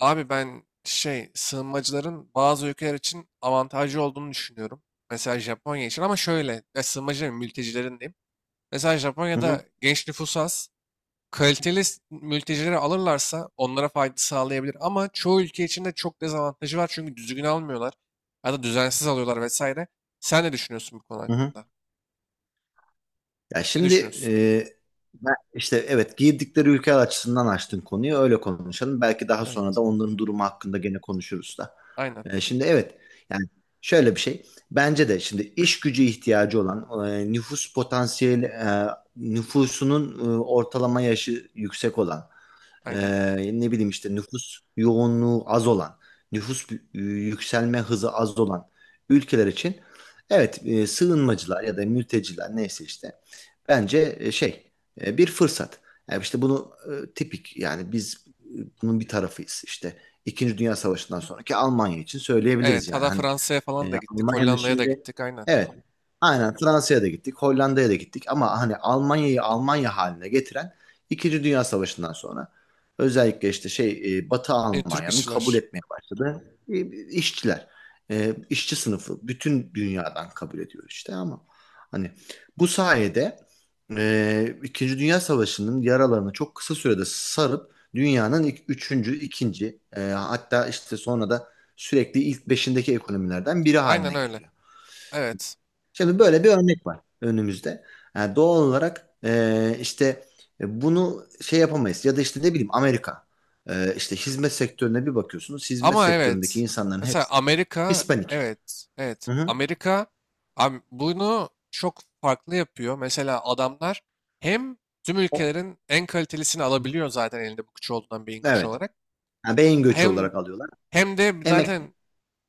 Abi ben sığınmacıların bazı ülkeler için avantajlı olduğunu düşünüyorum. Mesela Japonya için ama şöyle ya sığınmacıların mültecilerin diyeyim. Mesela Hı hı, Japonya'da genç nüfus az. Kaliteli mültecileri alırlarsa onlara fayda sağlayabilir. Ama çoğu ülke için de çok dezavantajı var çünkü düzgün almıyorlar. Ya da düzensiz alıyorlar vesaire. Sen ne düşünüyorsun bu konu hı hı. hakkında? Ya Ne şimdi düşünüyorsun? e, ben işte evet girdikleri ülke açısından açtın konuyu öyle konuşalım. Belki daha sonra Evet. da onların durumu hakkında gene konuşuruz da. Aynen. Şimdi evet yani şöyle bir şey. Bence de şimdi iş gücü ihtiyacı olan nüfus potansiyeli nüfusunun ortalama yaşı yüksek olan, Aynen. Ne bileyim işte nüfus yoğunluğu az olan, yükselme hızı az olan ülkeler için evet sığınmacılar ya da mülteciler neyse işte bence bir fırsat. Yani işte bunu tipik yani biz bunun bir tarafıyız işte. İkinci Dünya Savaşı'ndan sonraki Almanya için söyleyebiliriz Evet. yani. Hatta Hani Fransa'ya falan da gittik. Almanya'nın Hollanda'ya da şimdi gittik. Aynen. evet aynen Fransa'ya da gittik, Hollanda'ya da gittik ama hani Almanya'yı Almanya haline getiren İkinci Dünya Savaşı'ndan sonra özellikle işte Batı Türk Almanya'nın kabul işçiler. etmeye başladığı işçiler, işçi sınıfı bütün dünyadan kabul ediyor işte ama hani bu sayede İkinci Dünya Savaşı'nın yaralarını çok kısa sürede sarıp dünyanın ilk, üçüncü, ikinci, hatta işte sonra da sürekli ilk beşindeki ekonomilerden biri Aynen haline öyle. geliyor. Evet. Şimdi böyle bir örnek var önümüzde. Yani doğal olarak işte bunu şey yapamayız ya da işte ne bileyim Amerika. İşte hizmet sektörüne bir bakıyorsunuz. Hizmet Ama sektöründeki evet. insanların Mesela hepsi Amerika, Hispanik. evet, evet. Hı hı. Amerika bunu çok farklı yapıyor. Mesela adamlar hem tüm O- ülkelerin en kalitelisini alabiliyor zaten elinde bu güç olduğundan beyin güç Evet. olarak. Yani beyin göçü Hem olarak alıyorlar. hem de Emek. zaten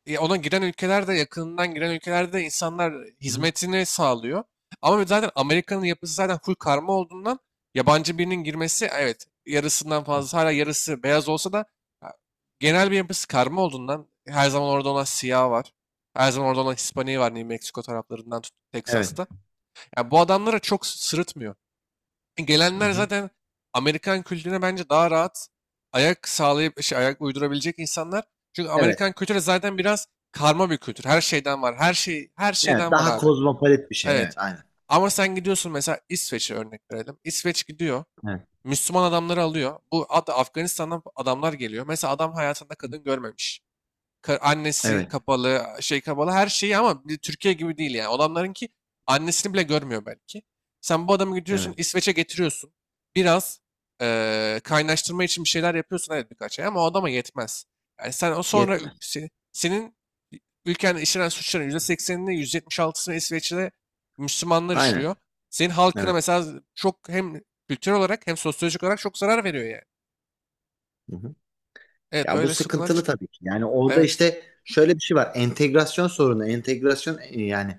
ona giren ülkelerde yakınından giren ülkelerde insanlar Hı hı. hizmetini sağlıyor. Ama zaten Amerika'nın yapısı zaten full karma olduğundan yabancı birinin girmesi evet yarısından fazla hala yarısı beyaz olsa da ha, genel bir yapısı karma olduğundan her zaman orada olan siyah var. Her zaman orada olan Hispaniği var New Mexico taraflarından tut Evet. Texas'ta. Yani bu adamlara çok sırıtmıyor. Hı Gelenler hı. zaten Amerikan kültürüne bence daha rahat ayak sağlayıp ayak uydurabilecek insanlar. Çünkü Evet. Amerikan kültürü zaten biraz karma bir kültür. Her şeyden var. Her şey her Evet. şeyden var Daha abi. kozmopolit bir şey. Evet. Evet. Aynen. Ama sen gidiyorsun mesela İsveç'e örnek verelim. İsveç gidiyor. Evet. Müslüman adamları alıyor. Bu Afganistan'dan adamlar geliyor. Mesela adam hayatında kadın görmemiş. Annesi Evet. kapalı, kapalı her şeyi ama bir Türkiye gibi değil yani. Adamların ki annesini bile görmüyor belki. Sen bu adamı gidiyorsun Evet. İsveç'e getiriyorsun. Biraz kaynaştırma için bir şeyler yapıyorsun evet birkaç ay ama o adama yetmez. Yani sen o sonra Yetmez. Senin ülkenin işlenen suçların %80'ini %76'sını İsveç'te Müslümanlar işliyor. Aynen. Senin halkına Evet. mesela çok hem kültür olarak hem sosyolojik olarak çok zarar veriyor yani. Hı hı. Evet Ya bu öyle sıkıntılar sıkıntılı çıkıyor. tabii ki. Yani orada Evet. işte şöyle bir şey var. Entegrasyon sorunu, entegrasyon yani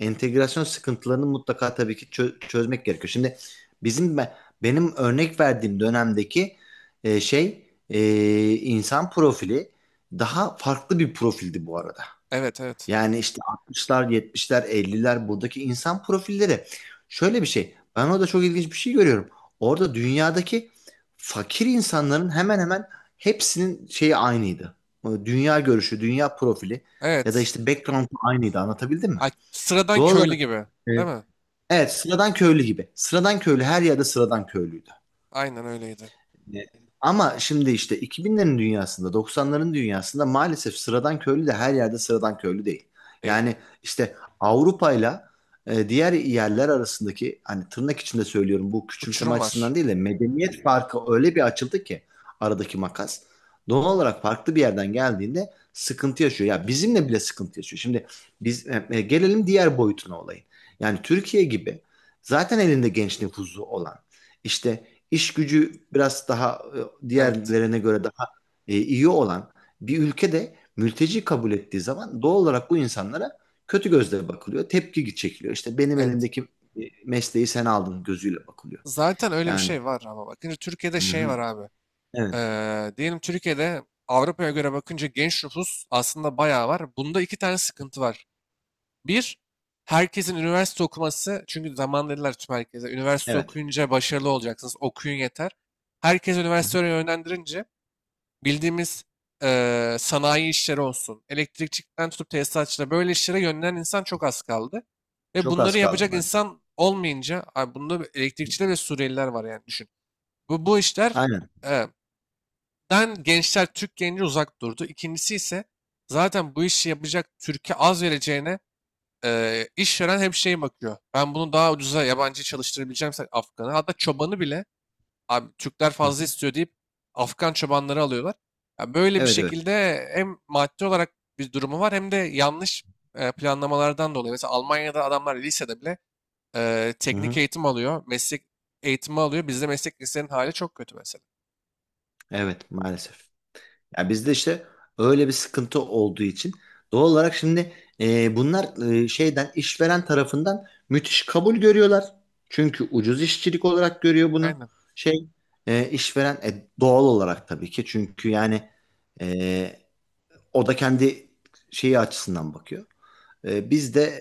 entegrasyon sıkıntılarını mutlaka tabii ki çözmek gerekiyor. Şimdi bizim be- benim örnek verdiğim dönemdeki e, şey e, insan profili daha farklı bir profildi bu arada. Evet evet. Yani işte 60'lar, 70'ler, 50'ler buradaki insan profilleri. Şöyle bir şey. Ben orada çok ilginç bir şey görüyorum. Orada dünyadaki fakir insanların hemen hemen hepsinin şeyi aynıydı. O dünya görüşü, dünya profili ya da Evet. işte background aynıydı. Anlatabildim mi? Ay, sıradan Doğal köylü olarak gibi. e, Değil mi? evet, sıradan köylü gibi. Sıradan köylü her yerde sıradan köylüydü. Aynen öyleydi. E, Ama şimdi işte 2000'lerin dünyasında, 90'ların dünyasında maalesef sıradan köylü de her yerde sıradan köylü değil. Değil. Yani işte Avrupa'yla diğer yerler arasındaki hani tırnak içinde söylüyorum bu küçümseme Uçurum var. açısından değil de medeniyet farkı öyle bir açıldı ki aradaki makas. Doğal olarak farklı bir yerden geldiğinde sıkıntı yaşıyor. Ya bizimle bile sıkıntı yaşıyor. Şimdi gelelim diğer boyutuna olayın. Yani Türkiye gibi zaten elinde genç nüfusu olan işte iş gücü biraz daha Evet. diğerlerine göre daha iyi olan bir ülkede mülteci kabul ettiği zaman doğal olarak bu insanlara kötü gözle bakılıyor. Tepki çekiliyor. İşte benim Evet. elimdeki e, mesleği sen aldın gözüyle bakılıyor. Zaten öyle bir Yani şey var ama bakınca Türkiye'de hı şey hı, var abi. evet, Diyelim Türkiye'de Avrupa'ya göre bakınca genç nüfus aslında bayağı var. Bunda iki tane sıkıntı var. Bir, herkesin üniversite okuması. Çünkü zaman dediler tüm herkese. Üniversite evet. okuyunca başarılı olacaksınız. Okuyun yeter. Herkes Hı hı. üniversiteye yönlendirince bildiğimiz sanayi işleri olsun, elektrikçikten tutup tesisatçıda böyle işlere yönlenen insan çok az kaldı. Ve Çok bunları az kaldı yapacak maalesef. insan olmayınca, abi bunda elektrikçiler ve Suriyeliler var yani düşün. Bu işler Aynen. eee, den gençler, Türk genci uzak durdu. İkincisi ise zaten bu işi yapacak Türkiye az vereceğine işveren hep bakıyor. Ben bunu daha ucuza yabancı çalıştırabileceğimse Afgan'ı, hatta çobanı bile Abi Türkler Hı fazla hı. istiyor deyip Afgan çobanları alıyorlar. Ya böyle bir Evet, evet. şekilde hem maddi olarak bir durumu var hem de yanlış planlamalardan dolayı. Mesela Almanya'da adamlar lisede bile Hı teknik hı. eğitim alıyor, meslek eğitimi alıyor. Bizde meslek lisenin hali çok kötü mesela. Evet, maalesef. Ya bizde işte öyle bir sıkıntı olduğu için doğal olarak şimdi bunlar şeyden işveren tarafından müthiş kabul görüyorlar. Çünkü ucuz işçilik olarak görüyor bunu. Aynen. Şey işveren doğal olarak tabii ki çünkü yani e, o da kendi şeyi açısından bakıyor. Biz de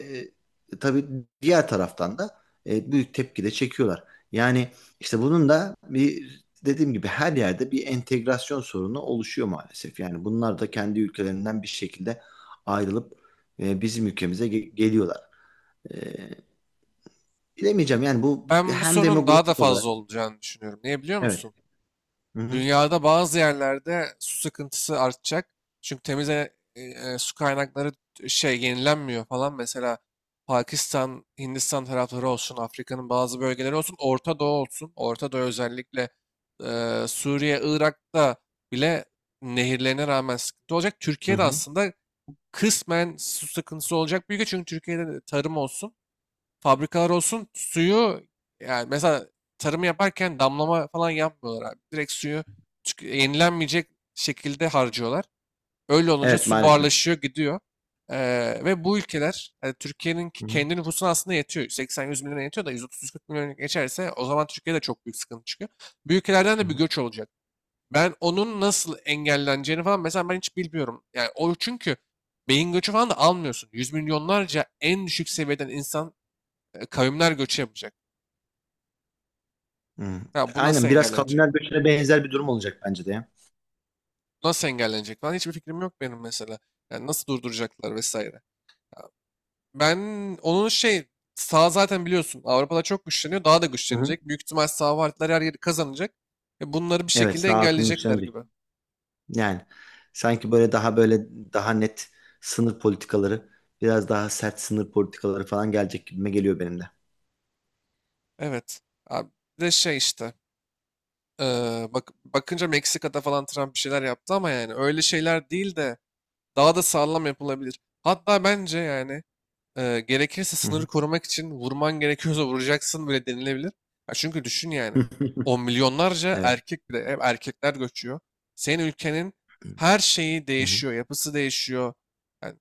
tabii diğer taraftan da büyük tepki de çekiyorlar. Yani işte bunun da bir dediğim gibi her yerde bir entegrasyon sorunu oluşuyor maalesef. Yani bunlar da kendi ülkelerinden bir şekilde ayrılıp bizim ülkemize geliyorlar. E, Bilemeyeceğim yani bu Ben bu hem sorunun daha da demografik olarak fazla olacağını düşünüyorum. Niye biliyor evet. musun? Hı hı, Dünyada bazı yerlerde su sıkıntısı artacak. Çünkü temiz su kaynakları yenilenmiyor falan. Mesela Pakistan, Hindistan tarafları olsun, Afrika'nın bazı bölgeleri olsun, Orta Doğu olsun. Orta Doğu özellikle Suriye, Irak'ta bile nehirlerine rağmen sıkıntı olacak. hı Türkiye'de hı. aslında kısmen su sıkıntısı olacak büyük çünkü Türkiye'de de tarım olsun fabrikalar olsun suyu yani mesela tarımı yaparken damlama falan yapmıyorlar abi. Direkt suyu yenilenmeyecek şekilde harcıyorlar. Öyle olunca Evet su maalesef. buharlaşıyor gidiyor. Ve bu ülkeler yani Türkiye'nin Hı hı, kendi nüfusuna aslında yetiyor. 80-100 milyona yetiyor da 130-140 milyona geçerse o zaman Türkiye'de çok büyük sıkıntı çıkıyor. Bu ülkelerden hı de bir hı, göç olacak. Ben onun nasıl engelleneceğini falan mesela ben hiç bilmiyorum. Yani o çünkü beyin göçü falan da almıyorsun. Yüz milyonlarca en düşük seviyeden insan kavimler göçü yapacak. hı Ya bu nasıl Aynen biraz engellenecek? kavimler göçüne benzer bir durum olacak bence de ya. Bu nasıl engellenecek falan hiçbir fikrim yok benim mesela. Yani nasıl durduracaklar vesaire. Ben onun sağ zaten biliyorsun Avrupa'da çok güçleniyor. Daha da Hı hı. güçlenecek. Büyük ihtimal sağ partiler her yeri kazanacak. Bunları bir Evet şekilde sağ aklım. engelleyecekler gibi. Yani sanki böyle daha böyle daha net sınır politikaları, biraz daha sert sınır politikaları falan gelecek gibime geliyor benim de. Evet. Abi, bir de şey işte. e, Bakınca Meksika'da falan Trump bir şeyler yaptı ama yani öyle şeyler değil de daha da sağlam yapılabilir. Hatta bence yani Gerekirse Hı hı. sınırı korumak için vurman gerekiyorsa vuracaksın bile denilebilir. Ya çünkü düşün yani. On milyonlarca Evet. erkek bile hep erkekler göçüyor. Senin ülkenin her şeyi Hı hı. değişiyor, yapısı değişiyor. Yani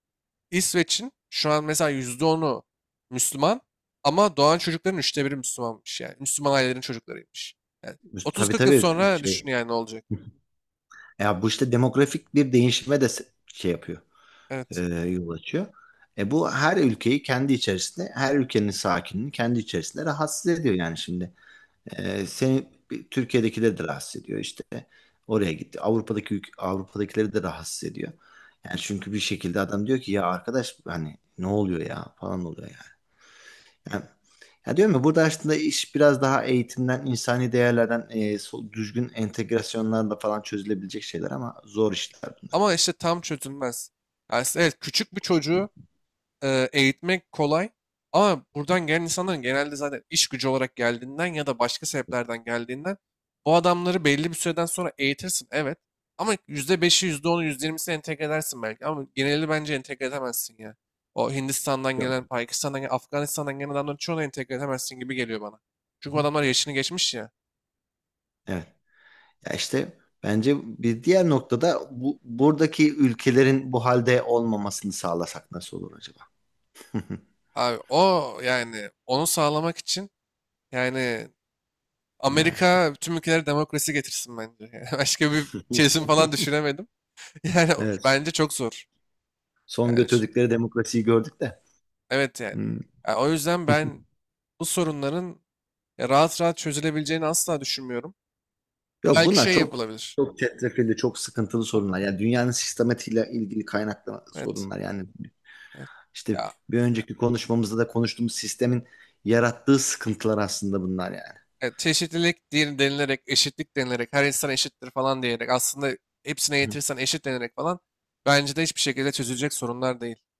İsveç'in şu an mesela %10'u Müslüman ama doğan çocukların üçte biri Müslümanmış yani. Müslüman ailelerin çocuklarıymış. Yani Tabii 30-40 yıl tabii sonra şey. düşün yani ne olacak. Ya bu işte demografik bir değişime de şey yapıyor, Evet. yol açıyor. E bu her ülkeyi kendi içerisinde, her ülkenin sakinini kendi içerisinde rahatsız ediyor yani şimdi. Türkiye'dekileri de rahatsız ediyor işte. Oraya gitti. Avrupa'dakileri de rahatsız ediyor. Yani çünkü bir şekilde adam diyor ki ya arkadaş hani ne oluyor ya falan oluyor yani. Yani ya diyorum ya burada aslında iş biraz daha eğitimden, insani değerlerden, düzgün entegrasyonlarla falan çözülebilecek şeyler ama zor işler bunlar. Ama işte tam çözülmez. Yani evet küçük bir çocuğu eğitmek kolay. Ama buradan gelen insanların genelde zaten iş gücü olarak geldiğinden ya da başka sebeplerden geldiğinden bu adamları belli bir süreden sonra eğitirsin evet. Ama yüzde yüzde beşi yüzde onu yüzde %20'sini entegre edersin belki. Ama geneli bence entegre edemezsin ya. O Hindistan'dan Yok. gelen, Pakistan'dan gelen, Afganistan'dan gelen adamların çoğunu entegre edemezsin gibi geliyor bana. Hı Çünkü bu hı. adamlar yaşını geçmiş ya. Evet. Ya işte bence bir diğer noktada bu, buradaki ülkelerin bu halde olmamasını sağlasak nasıl olur acaba? Abi o yani onu sağlamak için yani Ya işte. Amerika tüm ülkelere demokrasi getirsin bence. Yani başka bir çözüm falan düşünemedim. Yani Evet. bence çok zor. Son Yani götürdükleri demokrasiyi gördük de. evet yani. Hmm. Yani o yüzden ben bu sorunların ya rahat rahat çözülebileceğini asla düşünmüyorum. Yok Belki bunlar şey çok yapılabilir. Çetrefilli, çok sıkıntılı sorunlar. Yani dünyanın sistematiğiyle ilgili kaynaklı Evet. sorunlar. Yani Evet. işte Ya bir önceki konuşmamızda da konuştuğumuz sistemin yarattığı sıkıntılar aslında bunlar yani. Çeşitlilik diye denilerek, eşitlik denilerek, her insan eşittir falan diyerek aslında hepsine yetirsen eşit denilerek falan bence de hiçbir şekilde çözülecek sorunlar değil.